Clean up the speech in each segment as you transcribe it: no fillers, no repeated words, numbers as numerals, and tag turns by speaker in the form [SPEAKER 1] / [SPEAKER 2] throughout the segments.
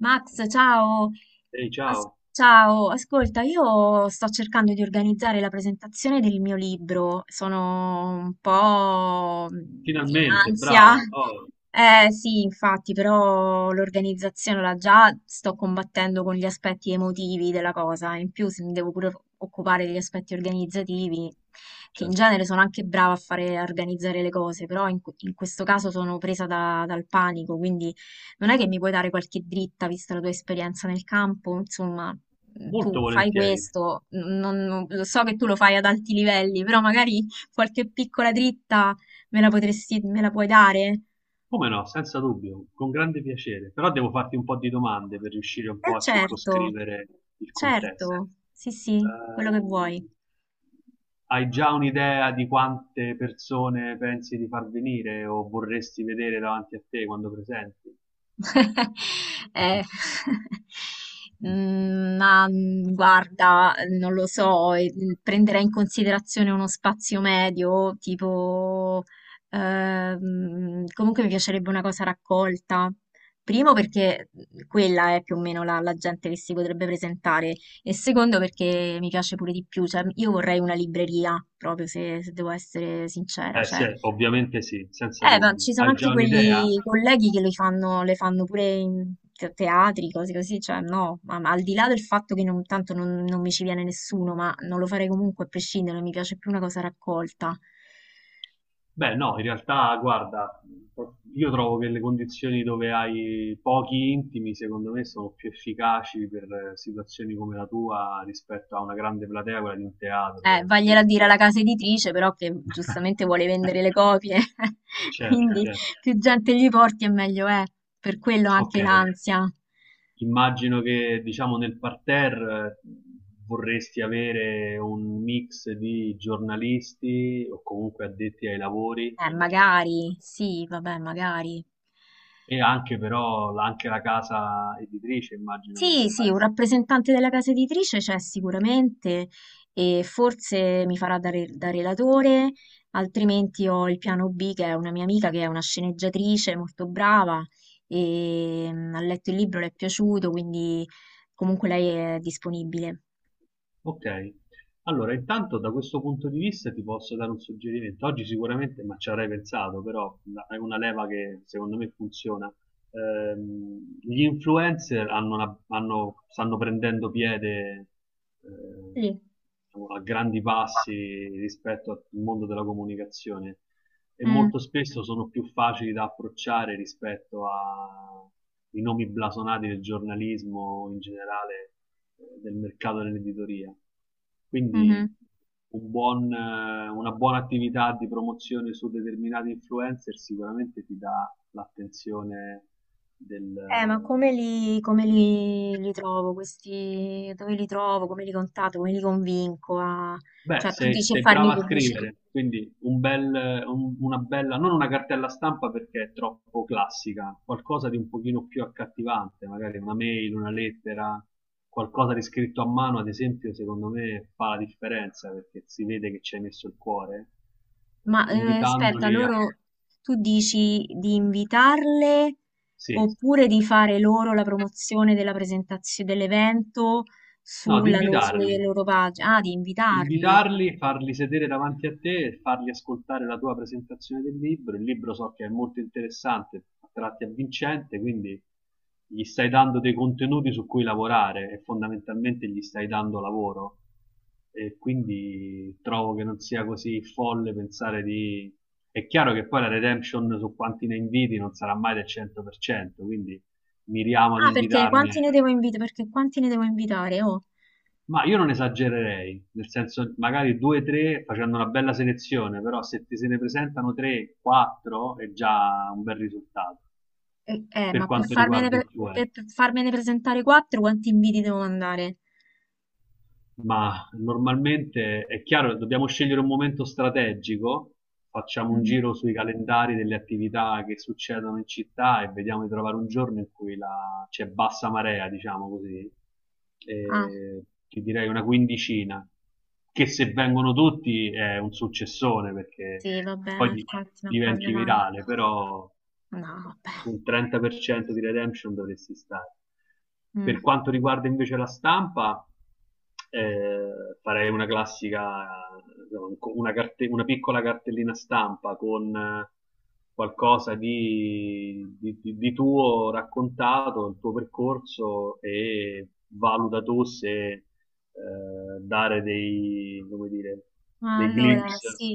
[SPEAKER 1] Max, ciao.
[SPEAKER 2] Ehi, ciao.
[SPEAKER 1] Ciao, ascolta, io sto cercando di organizzare la presentazione del mio libro, sono un po' in
[SPEAKER 2] Finalmente,
[SPEAKER 1] ansia.
[SPEAKER 2] brava. Oh,
[SPEAKER 1] Eh sì, infatti, però l'organizzazione la già sto combattendo con gli aspetti emotivi della cosa, in più se mi devo pure occupare degli aspetti organizzativi, che in
[SPEAKER 2] certo.
[SPEAKER 1] genere sono anche brava a fare, a organizzare le cose, però in questo caso sono presa dal panico, quindi. Non è che mi puoi dare qualche dritta, vista la tua esperienza nel campo? Insomma,
[SPEAKER 2] Molto
[SPEAKER 1] tu fai
[SPEAKER 2] volentieri.
[SPEAKER 1] questo, lo so che tu lo fai ad alti livelli, però magari qualche piccola dritta me la puoi dare?
[SPEAKER 2] Come no, senza dubbio, con grande piacere. Però devo farti un po' di domande per riuscire un
[SPEAKER 1] Eh
[SPEAKER 2] po' a
[SPEAKER 1] certo,
[SPEAKER 2] circoscrivere il contesto.
[SPEAKER 1] certo, sì sì, quello che vuoi.
[SPEAKER 2] Ehm, Hai già un'idea di quante persone pensi di far venire o vorresti vedere davanti a te quando presenti?
[SPEAKER 1] Eh, guarda, non lo so, prenderei in considerazione uno spazio medio, tipo, comunque mi piacerebbe una cosa raccolta. Primo perché quella è più o meno la gente che si potrebbe presentare e secondo perché mi piace pure di più, cioè io vorrei una libreria, proprio se devo essere sincera,
[SPEAKER 2] Beh,
[SPEAKER 1] cioè
[SPEAKER 2] sì, ovviamente sì, senza
[SPEAKER 1] ma ci
[SPEAKER 2] dubbio.
[SPEAKER 1] sono
[SPEAKER 2] Hai
[SPEAKER 1] anche
[SPEAKER 2] già un'idea?
[SPEAKER 1] quelli colleghi che le fanno pure in teatri, cose così, cioè no, ma al di là del fatto che non, tanto non, non mi ci viene nessuno, ma non lo farei comunque a prescindere, mi piace più una cosa raccolta.
[SPEAKER 2] Beh, no, in realtà, guarda, io trovo che le condizioni dove hai pochi intimi, secondo me, sono più efficaci per situazioni come la tua rispetto a una grande platea, quella di un teatro, dove si
[SPEAKER 1] Vagliela a dire
[SPEAKER 2] presuppone.
[SPEAKER 1] alla casa editrice, però che giustamente vuole vendere le copie,
[SPEAKER 2] Certo,
[SPEAKER 1] quindi
[SPEAKER 2] certo.
[SPEAKER 1] più gente gli porti e meglio è, per quello
[SPEAKER 2] Ok,
[SPEAKER 1] anche l'ansia.
[SPEAKER 2] immagino che, diciamo, nel parterre vorresti avere un mix di giornalisti o comunque addetti ai lavori, genericamente.
[SPEAKER 1] Magari, sì, vabbè, magari.
[SPEAKER 2] E anche però anche la casa editrice immagino che
[SPEAKER 1] Sì,
[SPEAKER 2] debba
[SPEAKER 1] sì, un
[SPEAKER 2] essere.
[SPEAKER 1] rappresentante della casa editrice c'è sicuramente e forse mi farà da relatore, altrimenti ho il piano B che è una mia amica che è una sceneggiatrice molto brava e ha letto il libro, le è piaciuto, quindi comunque lei è disponibile.
[SPEAKER 2] Ok, allora intanto da questo punto di vista ti posso dare un suggerimento. Oggi sicuramente, ma ci avrei pensato, però è una leva che secondo me funziona. Gli influencer stanno prendendo piede eh,
[SPEAKER 1] Lì.
[SPEAKER 2] diciamo, a grandi passi rispetto al mondo della comunicazione e
[SPEAKER 1] Mm,
[SPEAKER 2] molto spesso sono più facili da approcciare rispetto a i nomi blasonati del giornalismo in generale del mercato dell'editoria. Quindi
[SPEAKER 1] mhm.
[SPEAKER 2] un buon, una buona attività di promozione su determinati influencer sicuramente ti dà l'attenzione del.
[SPEAKER 1] Ma li trovo questi, dove li trovo, come li contatto, come li convinco a...
[SPEAKER 2] Beh,
[SPEAKER 1] Cioè, tu
[SPEAKER 2] sei,
[SPEAKER 1] dici a
[SPEAKER 2] sei
[SPEAKER 1] farmi
[SPEAKER 2] brava a
[SPEAKER 1] pubblicità?
[SPEAKER 2] scrivere, quindi una bella, non una cartella stampa perché è troppo classica, qualcosa di un pochino più accattivante, magari una mail, una lettera, qualcosa di scritto a mano, ad esempio, secondo me fa la differenza perché si vede che ci hai messo il cuore,
[SPEAKER 1] Ma aspetta,
[SPEAKER 2] invitandoli a...
[SPEAKER 1] loro tu dici di invitarle
[SPEAKER 2] Sì,
[SPEAKER 1] oppure di fare loro la promozione della presentazione dell'evento
[SPEAKER 2] no, di
[SPEAKER 1] sulle
[SPEAKER 2] invitarli.
[SPEAKER 1] loro pagine? Ah, di invitarli.
[SPEAKER 2] Invitarli, farli sedere davanti a te e farli ascoltare la tua presentazione del libro. Il libro so che è molto interessante, a tratti avvincente, quindi gli stai dando dei contenuti su cui lavorare e fondamentalmente gli stai dando lavoro. E quindi trovo che non sia così folle pensare di... È chiaro che poi la redemption su quanti ne inviti non sarà mai del 100%, quindi miriamo ad
[SPEAKER 1] Ah, perché
[SPEAKER 2] invitarne.
[SPEAKER 1] quanti ne devo invitare? Perché quanti ne devo invitare? Oh,
[SPEAKER 2] Ma io non esagererei, nel senso magari due o tre facendo una bella selezione, però se ti se ne presentano tre, quattro è già un bel risultato per
[SPEAKER 1] ma
[SPEAKER 2] quanto riguarda influencer.
[SPEAKER 1] per farmene presentare quattro, quanti inviti devo mandare?
[SPEAKER 2] Ma normalmente è chiaro, dobbiamo scegliere un momento strategico, facciamo un
[SPEAKER 1] Mm.
[SPEAKER 2] giro sui calendari delle attività che succedono in città e vediamo di trovare un giorno in cui c'è bassa marea, diciamo così.
[SPEAKER 1] Ah,
[SPEAKER 2] E ti direi una quindicina, che se vengono tutti è un successone perché
[SPEAKER 1] sì, vabbè,
[SPEAKER 2] poi
[SPEAKER 1] ma
[SPEAKER 2] di-
[SPEAKER 1] infatti, ma quando
[SPEAKER 2] diventi
[SPEAKER 1] mai?
[SPEAKER 2] virale, però
[SPEAKER 1] No, vabbè.
[SPEAKER 2] sul 30% di redemption dovresti stare. Per
[SPEAKER 1] Mm.
[SPEAKER 2] quanto riguarda invece la stampa, eh, farei una classica, una, una, piccola cartellina stampa con qualcosa di tuo raccontato, il tuo percorso e valuta tu se dare dei, come dire,
[SPEAKER 1] Ma
[SPEAKER 2] dei
[SPEAKER 1] allora, bene,
[SPEAKER 2] glimpse,
[SPEAKER 1] sì.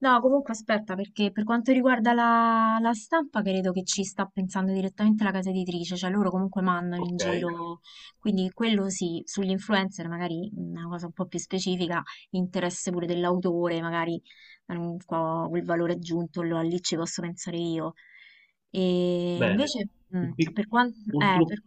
[SPEAKER 1] No, comunque aspetta, perché per quanto riguarda la stampa, credo che ci sta pensando direttamente la casa editrice, cioè loro comunque mandano in
[SPEAKER 2] ok,
[SPEAKER 1] giro, quindi quello sì, sugli influencer magari una cosa un po' più specifica, interesse pure dell'autore, magari qua quel valore aggiunto, allora lì ci posso pensare io. E
[SPEAKER 2] bene,
[SPEAKER 1] invece,
[SPEAKER 2] un, pic-
[SPEAKER 1] per quanto...
[SPEAKER 2] un
[SPEAKER 1] Per...
[SPEAKER 2] tru-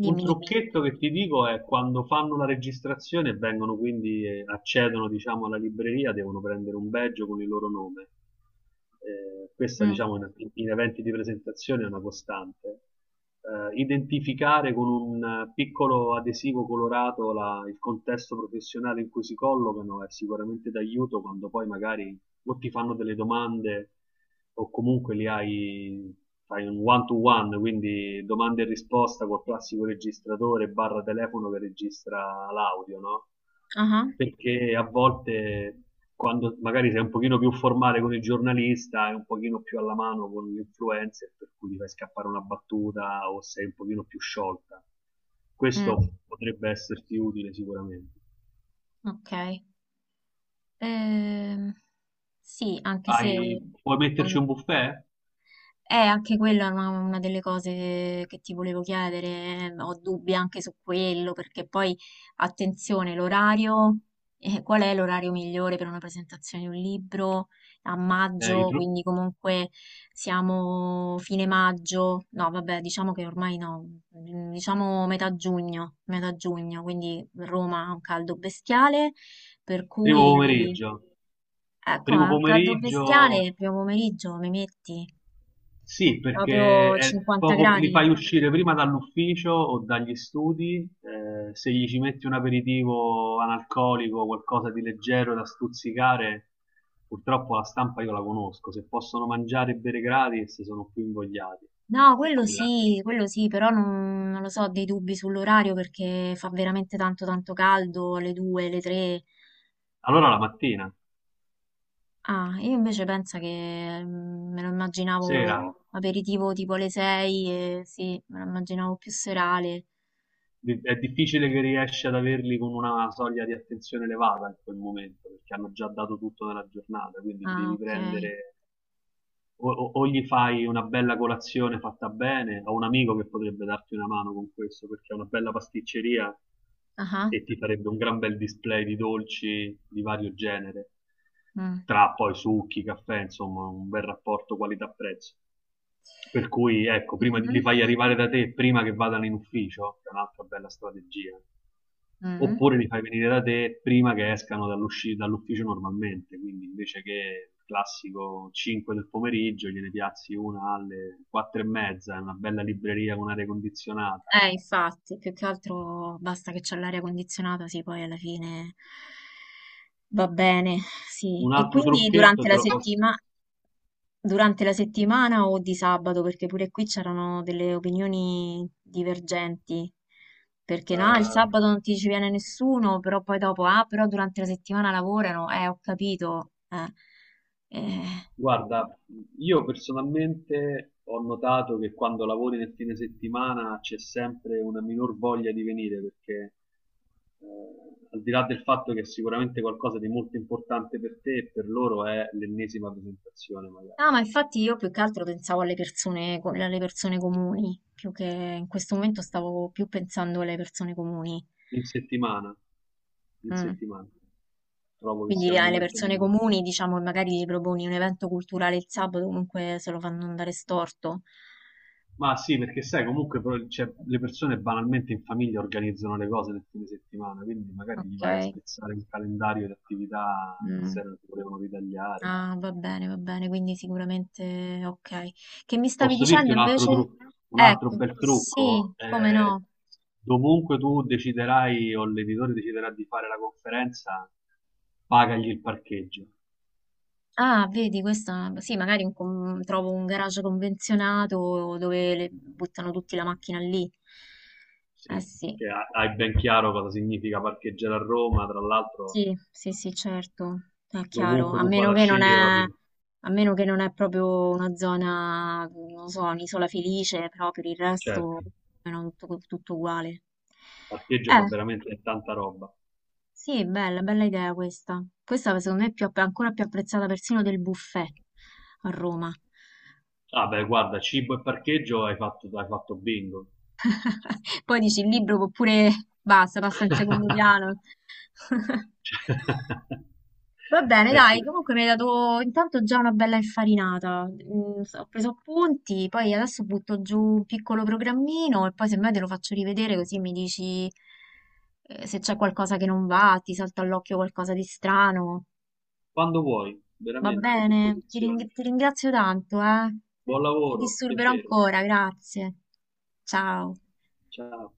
[SPEAKER 2] un
[SPEAKER 1] dimmi.
[SPEAKER 2] trucchetto che ti dico è quando fanno la registrazione e vengono quindi, accedono diciamo alla libreria, devono prendere un badge con il loro nome. Questa
[SPEAKER 1] Mm,
[SPEAKER 2] diciamo in eventi di presentazione è una costante. Identificare con un piccolo adesivo colorato il contesto professionale in cui si collocano è sicuramente d'aiuto quando poi magari o ti fanno delle domande o comunque li hai, fai un one to one, quindi domande e risposta col classico registratore barra telefono che registra l'audio, no?
[SPEAKER 1] aha,
[SPEAKER 2] Perché a volte quando magari sei un pochino più formale con il giornalista e un pochino più alla mano con l'influencer, per cui ti fai scappare una battuta o sei un pochino più sciolta.
[SPEAKER 1] mm,
[SPEAKER 2] Questo potrebbe esserti utile sicuramente.
[SPEAKER 1] ok. Ehm, sì, anche
[SPEAKER 2] Hai,
[SPEAKER 1] se
[SPEAKER 2] puoi metterci
[SPEAKER 1] um,
[SPEAKER 2] un buffet?
[SPEAKER 1] è anche quella una delle cose che ti volevo chiedere, ho dubbi anche su quello, perché poi, attenzione, l'orario, qual è l'orario migliore per una presentazione di un libro? A
[SPEAKER 2] Eh, i,
[SPEAKER 1] maggio,
[SPEAKER 2] tru-
[SPEAKER 1] quindi comunque siamo fine maggio, no, vabbè, diciamo che ormai no, diciamo metà giugno, quindi Roma ha un caldo bestiale, per
[SPEAKER 2] Primo
[SPEAKER 1] cui...
[SPEAKER 2] pomeriggio.
[SPEAKER 1] Ecco,
[SPEAKER 2] Primo
[SPEAKER 1] ma un caldo
[SPEAKER 2] pomeriggio,
[SPEAKER 1] bestiale, primo pomeriggio, mi metti
[SPEAKER 2] sì, perché
[SPEAKER 1] proprio
[SPEAKER 2] è
[SPEAKER 1] 50
[SPEAKER 2] poco, li
[SPEAKER 1] gradi.
[SPEAKER 2] fai uscire prima dall'ufficio o dagli studi, se gli ci metti un aperitivo analcolico, qualcosa di leggero da stuzzicare, purtroppo la stampa io la conosco, se possono mangiare e bere gratis sono più invogliati.
[SPEAKER 1] No,
[SPEAKER 2] E quella-
[SPEAKER 1] quello sì, però non, non lo so, ho dei dubbi sull'orario perché fa veramente tanto tanto caldo, alle 2, alle 3.
[SPEAKER 2] Allora la mattina,
[SPEAKER 1] Ah, io invece penso che me lo
[SPEAKER 2] sera.
[SPEAKER 1] immaginavo aperitivo tipo alle 6, e sì, me lo immaginavo più serale.
[SPEAKER 2] È difficile che riesci ad averli con una soglia di attenzione elevata in quel momento, perché hanno già dato tutto nella giornata, quindi li
[SPEAKER 1] Ah,
[SPEAKER 2] devi
[SPEAKER 1] ok.
[SPEAKER 2] prendere o, o gli fai una bella colazione fatta bene, ho un amico che potrebbe darti una mano con questo, perché ha una bella pasticceria
[SPEAKER 1] Ah, ah.
[SPEAKER 2] e ti farebbe un gran bel display di dolci di vario genere,
[SPEAKER 1] Mm.
[SPEAKER 2] tra poi succhi, caffè, insomma, un bel rapporto qualità-prezzo. Per cui, ecco, li
[SPEAKER 1] Mhm.
[SPEAKER 2] fai arrivare da te prima che vadano in ufficio, che è un'altra bella strategia,
[SPEAKER 1] Mhm.
[SPEAKER 2] oppure li fai venire da te prima che escano dall'ufficio normalmente, quindi invece che il classico 5 del pomeriggio, gliene piazzi una alle 4 e mezza, in una bella libreria con aria condizionata.
[SPEAKER 1] Infatti, più che altro basta che c'è l'aria condizionata, sì, poi alla fine va bene, sì.
[SPEAKER 2] Un
[SPEAKER 1] E
[SPEAKER 2] altro
[SPEAKER 1] quindi
[SPEAKER 2] trucchetto
[SPEAKER 1] durante
[SPEAKER 2] te
[SPEAKER 1] la
[SPEAKER 2] lo posso...
[SPEAKER 1] durante la settimana o di sabato, perché pure qui c'erano delle opinioni divergenti, perché no, il
[SPEAKER 2] eh,
[SPEAKER 1] sabato non ti ci viene nessuno, però poi dopo, ah, però durante la settimana lavorano, ho capito, eh. Eh.
[SPEAKER 2] Guarda, io personalmente ho notato che quando lavori nel fine settimana c'è sempre una minor voglia di venire perché eh, al di là del fatto che è sicuramente qualcosa di molto importante per te e per loro è l'ennesima presentazione magari.
[SPEAKER 1] No, ma infatti io più che altro pensavo alle persone, alle persone comuni, più che in questo momento stavo più pensando alle persone comuni.
[SPEAKER 2] In settimana, in
[SPEAKER 1] Mm.
[SPEAKER 2] settimana, trovo che sia
[SPEAKER 1] Quindi
[SPEAKER 2] il
[SPEAKER 1] alle
[SPEAKER 2] momento
[SPEAKER 1] persone
[SPEAKER 2] migliore.
[SPEAKER 1] comuni, diciamo, e magari gli proponi un evento culturale il sabato, comunque se lo fanno andare storto.
[SPEAKER 2] Ma sì, perché sai, comunque però, cioè, le persone banalmente in famiglia organizzano le cose nel fine settimana, quindi magari gli vai a
[SPEAKER 1] Ok.
[SPEAKER 2] spezzare un calendario di attività che
[SPEAKER 1] Mm.
[SPEAKER 2] se non ti volevano ritagliare.
[SPEAKER 1] Ah, va bene, quindi sicuramente ok. Che mi stavi
[SPEAKER 2] Posso dirti
[SPEAKER 1] dicendo
[SPEAKER 2] un altro
[SPEAKER 1] invece?
[SPEAKER 2] trucco, un altro
[SPEAKER 1] Ecco,
[SPEAKER 2] bel
[SPEAKER 1] sì,
[SPEAKER 2] trucco?
[SPEAKER 1] come no.
[SPEAKER 2] Dovunque tu deciderai o l'editore deciderà di fare la conferenza, pagagli il parcheggio.
[SPEAKER 1] Ah, vedi, questa sì, magari un trovo un garage convenzionato dove buttano tutti la macchina lì. Eh
[SPEAKER 2] Sì,
[SPEAKER 1] sì,
[SPEAKER 2] che hai ben chiaro cosa significa parcheggiare a Roma, tra l'altro
[SPEAKER 1] sì, certo, è chiaro.
[SPEAKER 2] dovunque
[SPEAKER 1] A
[SPEAKER 2] tu
[SPEAKER 1] meno
[SPEAKER 2] vada a
[SPEAKER 1] che non
[SPEAKER 2] scegliere,
[SPEAKER 1] è,
[SPEAKER 2] proprio-
[SPEAKER 1] a meno che non è proprio una zona, non lo so, un'isola felice, però per il resto
[SPEAKER 2] certo.
[SPEAKER 1] è tutto, tutto uguale.
[SPEAKER 2] Parcheggio fa
[SPEAKER 1] Eh,
[SPEAKER 2] veramente tanta roba.
[SPEAKER 1] sì, bella, bella idea questa. Questa secondo me è più ancora più apprezzata persino del buffet a Roma.
[SPEAKER 2] Ah beh, guarda, cibo e parcheggio hai fatto bingo.
[SPEAKER 1] Poi dici il libro può pure basta, passa in secondo piano.
[SPEAKER 2] Cioè,
[SPEAKER 1] Va bene,
[SPEAKER 2] beh,
[SPEAKER 1] dai,
[SPEAKER 2] sì.
[SPEAKER 1] comunque mi hai dato intanto già una bella infarinata. Ho preso appunti, poi adesso butto giù un piccolo programmino e poi semmai te lo faccio rivedere così mi dici se c'è qualcosa che non va, ti salta all'occhio qualcosa di strano.
[SPEAKER 2] Quando vuoi,
[SPEAKER 1] Va
[SPEAKER 2] veramente a
[SPEAKER 1] bene,
[SPEAKER 2] disposizione.
[SPEAKER 1] ti ringrazio tanto, eh.
[SPEAKER 2] Buon
[SPEAKER 1] Ti
[SPEAKER 2] lavoro,
[SPEAKER 1] disturberò
[SPEAKER 2] piacere.
[SPEAKER 1] ancora, grazie. Ciao.
[SPEAKER 2] Ciao.